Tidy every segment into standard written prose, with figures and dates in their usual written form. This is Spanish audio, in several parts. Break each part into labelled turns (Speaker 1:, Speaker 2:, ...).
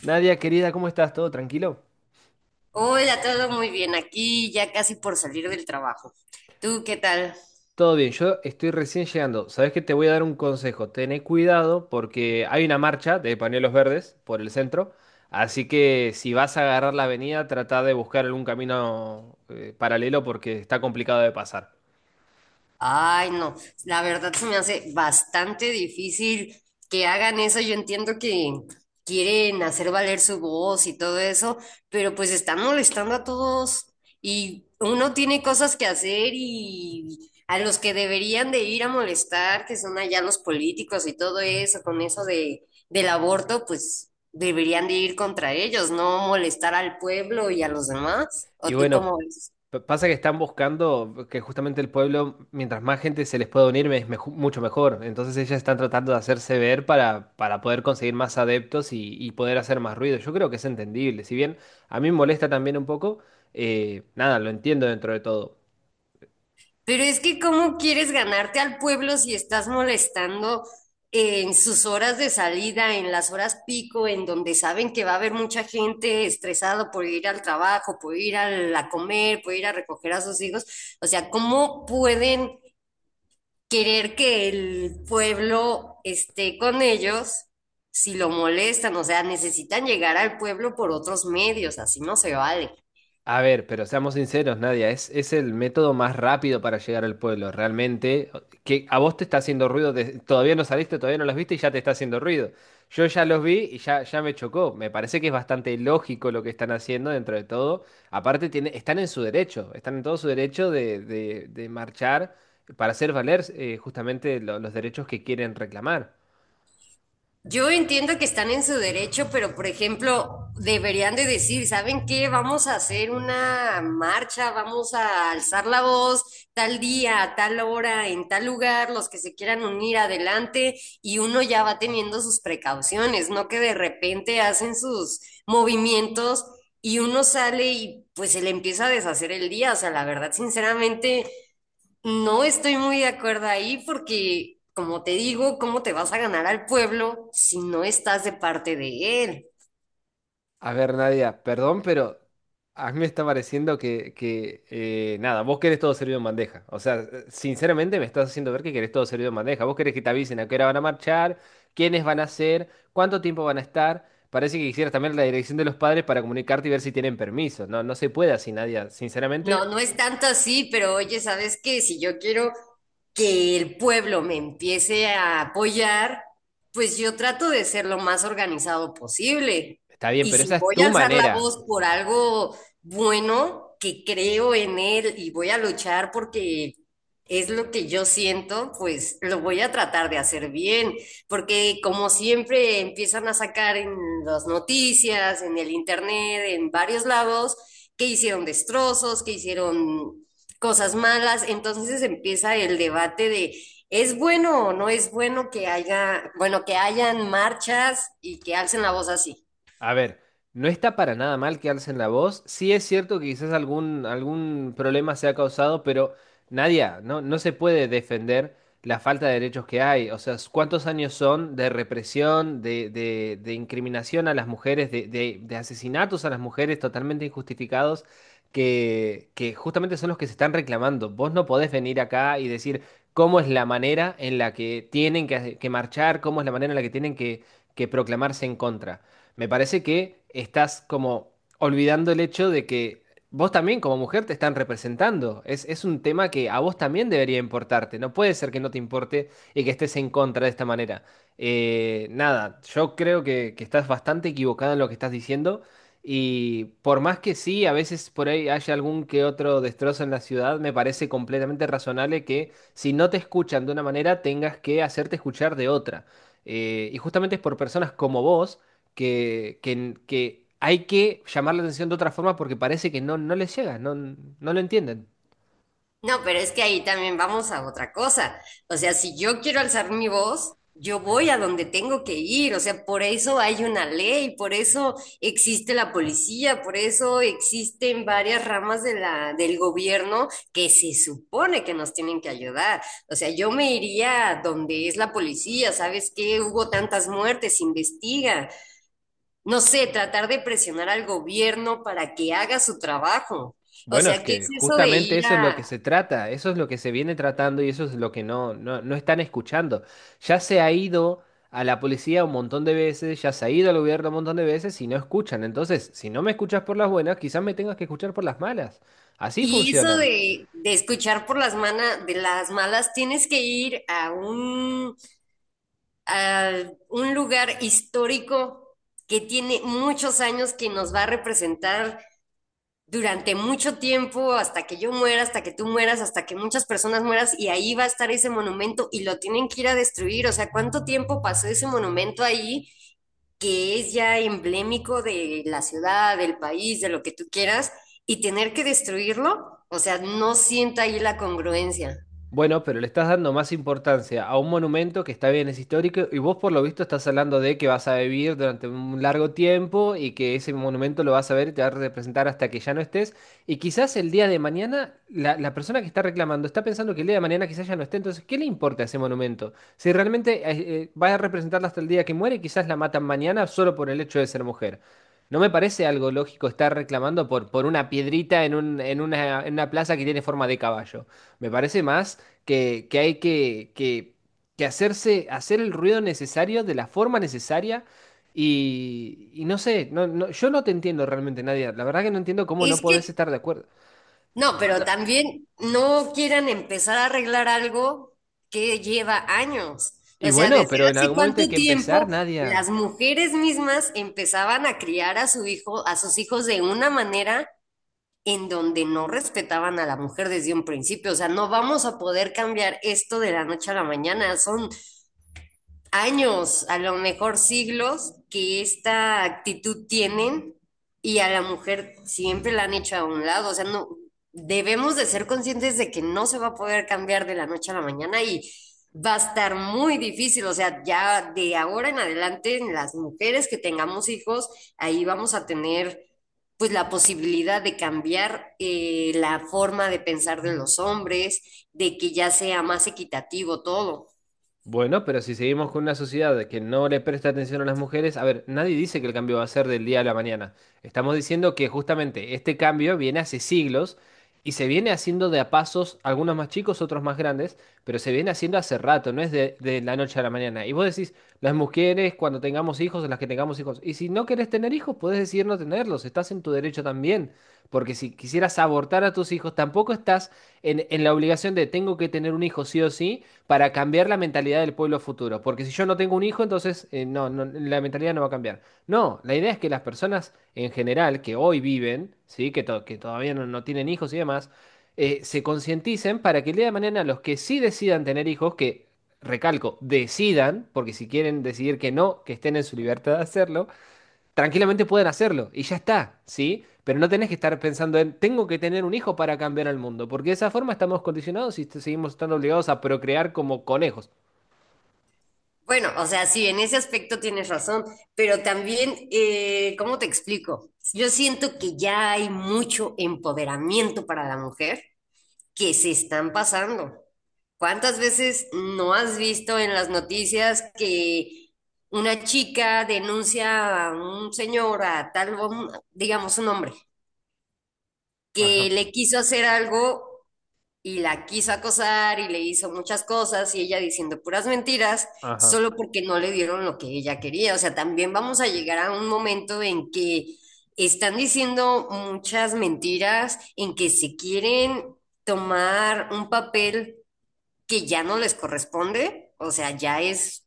Speaker 1: Nadia, querida, ¿cómo estás? ¿Todo tranquilo?
Speaker 2: Hola, todo muy bien aquí, ya casi por salir del trabajo. ¿Tú qué tal?
Speaker 1: Todo bien, yo estoy recién llegando. Sabes que te voy a dar un consejo. Tené cuidado porque hay una marcha de pañuelos verdes por el centro. Así que si vas a agarrar la avenida, trata de buscar algún camino paralelo porque está complicado de pasar.
Speaker 2: Ay, no, la verdad se me hace bastante difícil que hagan eso. Yo entiendo que quieren hacer valer su voz y todo eso, pero pues están molestando a todos y uno tiene cosas que hacer y a los que deberían de ir a molestar, que son allá los políticos y todo eso, con eso de, del aborto, pues deberían de ir contra ellos, no molestar al pueblo y a los demás.
Speaker 1: Y
Speaker 2: ¿O tú
Speaker 1: bueno,
Speaker 2: cómo ves?
Speaker 1: pasa que están buscando que justamente el pueblo, mientras más gente se les pueda unir, es mucho mejor. Entonces ellas están tratando de hacerse ver para poder conseguir más adeptos y poder hacer más ruido. Yo creo que es entendible. Si bien a mí me molesta también un poco, nada, lo entiendo dentro de todo.
Speaker 2: Pero es que ¿cómo quieres ganarte al pueblo si estás molestando en sus horas de salida, en las horas pico, en donde saben que va a haber mucha gente estresada por ir al trabajo, por ir a comer, por ir a recoger a sus hijos? O sea, ¿cómo pueden querer que el pueblo esté con ellos si lo molestan? O sea, necesitan llegar al pueblo por otros medios, así no se vale.
Speaker 1: A ver, pero seamos sinceros, Nadia, es el método más rápido para llegar al pueblo, realmente. Que a vos te está haciendo ruido, todavía no saliste, todavía no los viste y ya te está haciendo ruido. Yo ya los vi ya me chocó. Me parece que es bastante lógico lo que están haciendo dentro de todo. Aparte, están en su derecho, están en todo su derecho de marchar para hacer valer justamente los derechos que quieren reclamar.
Speaker 2: Yo entiendo que están en su derecho, pero por ejemplo, deberían de decir, ¿saben qué? Vamos a hacer una marcha, vamos a alzar la voz tal día, a tal hora, en tal lugar, los que se quieran unir adelante y uno ya va teniendo sus precauciones, no que de repente hacen sus movimientos y uno sale y pues se le empieza a deshacer el día. O sea, la verdad, sinceramente, no estoy muy de acuerdo ahí porque, como te digo, ¿cómo te vas a ganar al pueblo si no estás de parte de él?
Speaker 1: A ver, Nadia, perdón, pero a mí me está pareciendo que nada, vos querés todo servido en bandeja. O sea, sinceramente me estás haciendo ver que querés todo servido en bandeja. Vos querés que te avisen a qué hora van a marchar, quiénes van a ser, cuánto tiempo van a estar. Parece que quisieras también la dirección de los padres para comunicarte y ver si tienen permiso. No, no se puede así, Nadia.
Speaker 2: No,
Speaker 1: Sinceramente,
Speaker 2: no es tanto así, pero oye, ¿sabes qué? Si yo quiero que el pueblo me empiece a apoyar, pues yo trato de ser lo más organizado posible.
Speaker 1: está bien,
Speaker 2: Y
Speaker 1: pero
Speaker 2: si
Speaker 1: esa es
Speaker 2: voy a
Speaker 1: tu
Speaker 2: alzar la
Speaker 1: manera.
Speaker 2: voz por algo bueno, que creo en él y voy a luchar porque es lo que yo siento, pues lo voy a tratar de hacer bien, porque como siempre empiezan a sacar en las noticias, en el internet, en varios lados que hicieron destrozos, que hicieron cosas malas. Entonces empieza el debate de ¿es bueno o no es bueno que haya, bueno, que hayan marchas y que alcen la voz así?
Speaker 1: A ver, no está para nada mal que alcen la voz. Sí es cierto que quizás algún problema se ha causado, pero Nadia, no, no se puede defender la falta de derechos que hay. O sea, ¿cuántos años son de represión, de incriminación a las mujeres, de asesinatos a las mujeres totalmente injustificados? Que justamente son los que se están reclamando. Vos no podés venir acá y decir cómo es la manera en la que tienen que marchar, cómo es la manera en la que tienen que proclamarse en contra. Me parece que estás como olvidando el hecho de que vos también como mujer te están representando. Es un tema que a vos también debería importarte. No puede ser que no te importe y que estés en contra de esta manera. Nada, yo creo que estás bastante equivocada en lo que estás diciendo. Y por más que sí, a veces por ahí haya algún que otro destrozo en la ciudad, me parece completamente razonable que si no te escuchan de una manera, tengas que hacerte escuchar de otra. Y justamente es por personas como vos que, que hay que llamar la atención de otra forma porque parece que no, no les llega, no, no lo entienden.
Speaker 2: No, pero es que ahí también vamos a otra cosa. O sea, si yo quiero alzar mi voz, yo voy a donde tengo que ir. O sea, por eso hay una ley, por eso existe la policía, por eso existen varias ramas de la, del gobierno que se supone que nos tienen que ayudar. O sea, yo me iría donde es la policía. ¿Sabes qué? Hubo tantas muertes, investiga. No sé, tratar de presionar al gobierno para que haga su trabajo. O
Speaker 1: Bueno, es
Speaker 2: sea, ¿qué es
Speaker 1: que
Speaker 2: eso de
Speaker 1: justamente
Speaker 2: ir
Speaker 1: eso es lo que
Speaker 2: a?
Speaker 1: se trata, eso es lo que se viene tratando y eso es lo que no, no están escuchando. Ya se ha ido a la policía un montón de veces, ya se ha ido al gobierno un montón de veces y no escuchan. Entonces, si no me escuchas por las buenas, quizás me tengas que escuchar por las malas. Así
Speaker 2: Y eso
Speaker 1: funciona.
Speaker 2: de escuchar por las manas, de las malas, tienes que ir a un lugar histórico que tiene muchos años que nos va a representar durante mucho tiempo, hasta que yo muera, hasta que tú mueras, hasta que muchas personas mueras, y ahí va a estar ese monumento y lo tienen que ir a destruir. O sea, ¿cuánto tiempo pasó ese monumento ahí? Que es ya emblemático de la ciudad, del país, de lo que tú quieras, y tener que destruirlo, o sea, no sienta ahí la congruencia.
Speaker 1: Bueno, pero le estás dando más importancia a un monumento que está bien, es histórico, y vos por lo visto estás hablando de que vas a vivir durante un largo tiempo y que ese monumento lo vas a ver y te va a representar hasta que ya no estés. Y quizás el día de mañana la persona que está reclamando está pensando que el día de mañana quizás ya no esté, entonces, ¿qué le importa ese monumento? Si realmente va a representarla hasta el día que muere, y quizás la matan mañana solo por el hecho de ser mujer. No me parece algo lógico estar reclamando por una piedrita en en una plaza que tiene forma de caballo. Me parece más que hay que hacerse, hacer el ruido necesario de la forma necesaria. Y no sé, no, no, yo no te entiendo realmente, Nadia. La verdad que no entiendo cómo no
Speaker 2: Es
Speaker 1: podés
Speaker 2: que,
Speaker 1: estar de acuerdo.
Speaker 2: no, pero
Speaker 1: No,
Speaker 2: también no quieran empezar a arreglar algo que lleva años.
Speaker 1: y
Speaker 2: O sea,
Speaker 1: bueno,
Speaker 2: desde
Speaker 1: pero en
Speaker 2: hace
Speaker 1: algún momento hay
Speaker 2: cuánto
Speaker 1: que empezar,
Speaker 2: tiempo
Speaker 1: Nadia.
Speaker 2: las mujeres mismas empezaban a criar a su hijo, a sus hijos de una manera en donde no respetaban a la mujer desde un principio. O sea, no vamos a poder cambiar esto de la noche a la mañana. Son años, a lo mejor siglos, que esta actitud tienen y a la mujer siempre la han hecho a un lado. O sea, no, debemos de ser conscientes de que no se va a poder cambiar de la noche a la mañana y va a estar muy difícil. O sea, ya de ahora en adelante, las mujeres que tengamos hijos, ahí vamos a tener pues la posibilidad de cambiar la forma de pensar de los hombres, de que ya sea más equitativo todo.
Speaker 1: Bueno, pero si seguimos con una sociedad que no le presta atención a las mujeres, a ver, nadie dice que el cambio va a ser del día a la mañana. Estamos diciendo que justamente este cambio viene hace siglos y se viene haciendo de a pasos, algunos más chicos, otros más grandes, pero se viene haciendo hace rato, no es de la noche a la mañana. Y vos decís, las mujeres cuando tengamos hijos, las que tengamos hijos, y si no querés tener hijos, podés decidir no tenerlos, estás en tu derecho también, porque si quisieras abortar a tus hijos, tampoco estás en la obligación de tengo que tener un hijo sí o sí para cambiar la mentalidad del pueblo futuro. Porque si yo no tengo un hijo, entonces no, no, la mentalidad no va a cambiar. No, la idea es que las personas en general que hoy viven, ¿sí? que, que todavía no, no tienen hijos y demás, se concienticen para que el día de mañana los que sí decidan tener hijos, que recalco, decidan, porque si quieren decidir que no, que estén en su libertad de hacerlo, tranquilamente pueden hacerlo y ya está, ¿sí? Pero no tenés que estar pensando en, tengo que tener un hijo para cambiar al mundo, porque de esa forma estamos condicionados y seguimos estando obligados a procrear como conejos.
Speaker 2: Bueno, o sea, sí, en ese aspecto tienes razón, pero también, ¿cómo te explico? Yo siento que ya hay mucho empoderamiento para la mujer que se están pasando. ¿Cuántas veces no has visto en las noticias que una chica denuncia a un señor, a tal, digamos un hombre,
Speaker 1: Ajá,
Speaker 2: que le quiso hacer algo y la quiso acosar y le hizo muchas cosas y ella diciendo puras mentiras
Speaker 1: ajá.
Speaker 2: solo porque no le dieron lo que ella quería? O sea, también vamos a llegar a un momento en que están diciendo muchas mentiras, en que se quieren tomar un papel que ya no les corresponde. O sea, ya es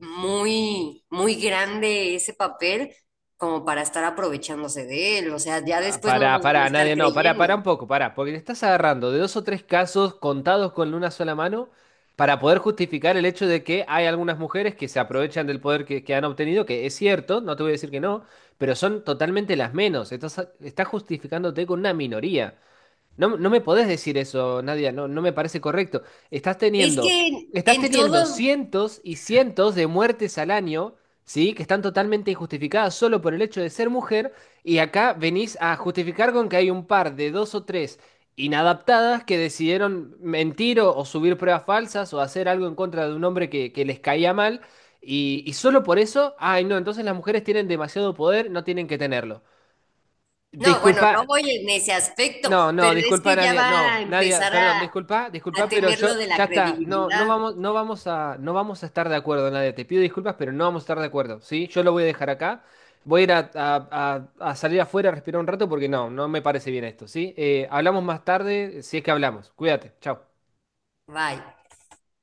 Speaker 2: muy, muy grande ese papel como para estar aprovechándose de él. O sea, ya
Speaker 1: Ah,
Speaker 2: después no
Speaker 1: pará,
Speaker 2: nos van a
Speaker 1: pará,
Speaker 2: estar
Speaker 1: nadie, no, pará, pará un
Speaker 2: creyendo.
Speaker 1: poco, pará, porque te estás agarrando de dos o tres casos contados con una sola mano para poder justificar el hecho de que hay algunas mujeres que se aprovechan del poder que han obtenido, que es cierto, no te voy a decir que no, pero son totalmente las menos. Estás, estás justificándote con una minoría. No, no me podés decir eso, Nadia, no, no me parece correcto. Estás
Speaker 2: Es que
Speaker 1: teniendo, estás
Speaker 2: en
Speaker 1: teniendo
Speaker 2: todo,
Speaker 1: cientos y cientos de muertes al año, ¿sí? Que están totalmente injustificadas solo por el hecho de ser mujer, y acá venís a justificar con que hay un par de dos o tres inadaptadas que decidieron mentir o subir pruebas falsas o hacer algo en contra de un hombre que les caía mal, y solo por eso, ay no, entonces las mujeres tienen demasiado poder, no tienen que tenerlo.
Speaker 2: no, bueno,
Speaker 1: Disculpa,
Speaker 2: no voy en ese aspecto,
Speaker 1: no, no,
Speaker 2: pero es
Speaker 1: disculpa
Speaker 2: que ya
Speaker 1: Nadia,
Speaker 2: va
Speaker 1: no,
Speaker 2: a
Speaker 1: Nadia,
Speaker 2: empezar
Speaker 1: perdón, disculpa,
Speaker 2: a
Speaker 1: disculpa, pero
Speaker 2: tener lo
Speaker 1: yo
Speaker 2: de
Speaker 1: ya
Speaker 2: la
Speaker 1: está, no, no
Speaker 2: credibilidad.
Speaker 1: vamos, no vamos a, no vamos a estar de acuerdo, Nadia, te pido disculpas, pero no vamos a estar de acuerdo, ¿sí? Yo lo voy a dejar acá, voy a ir a, a salir afuera a respirar un rato porque no, no me parece bien esto, ¿sí? Hablamos más tarde, si es que hablamos, cuídate, chao.
Speaker 2: Bye.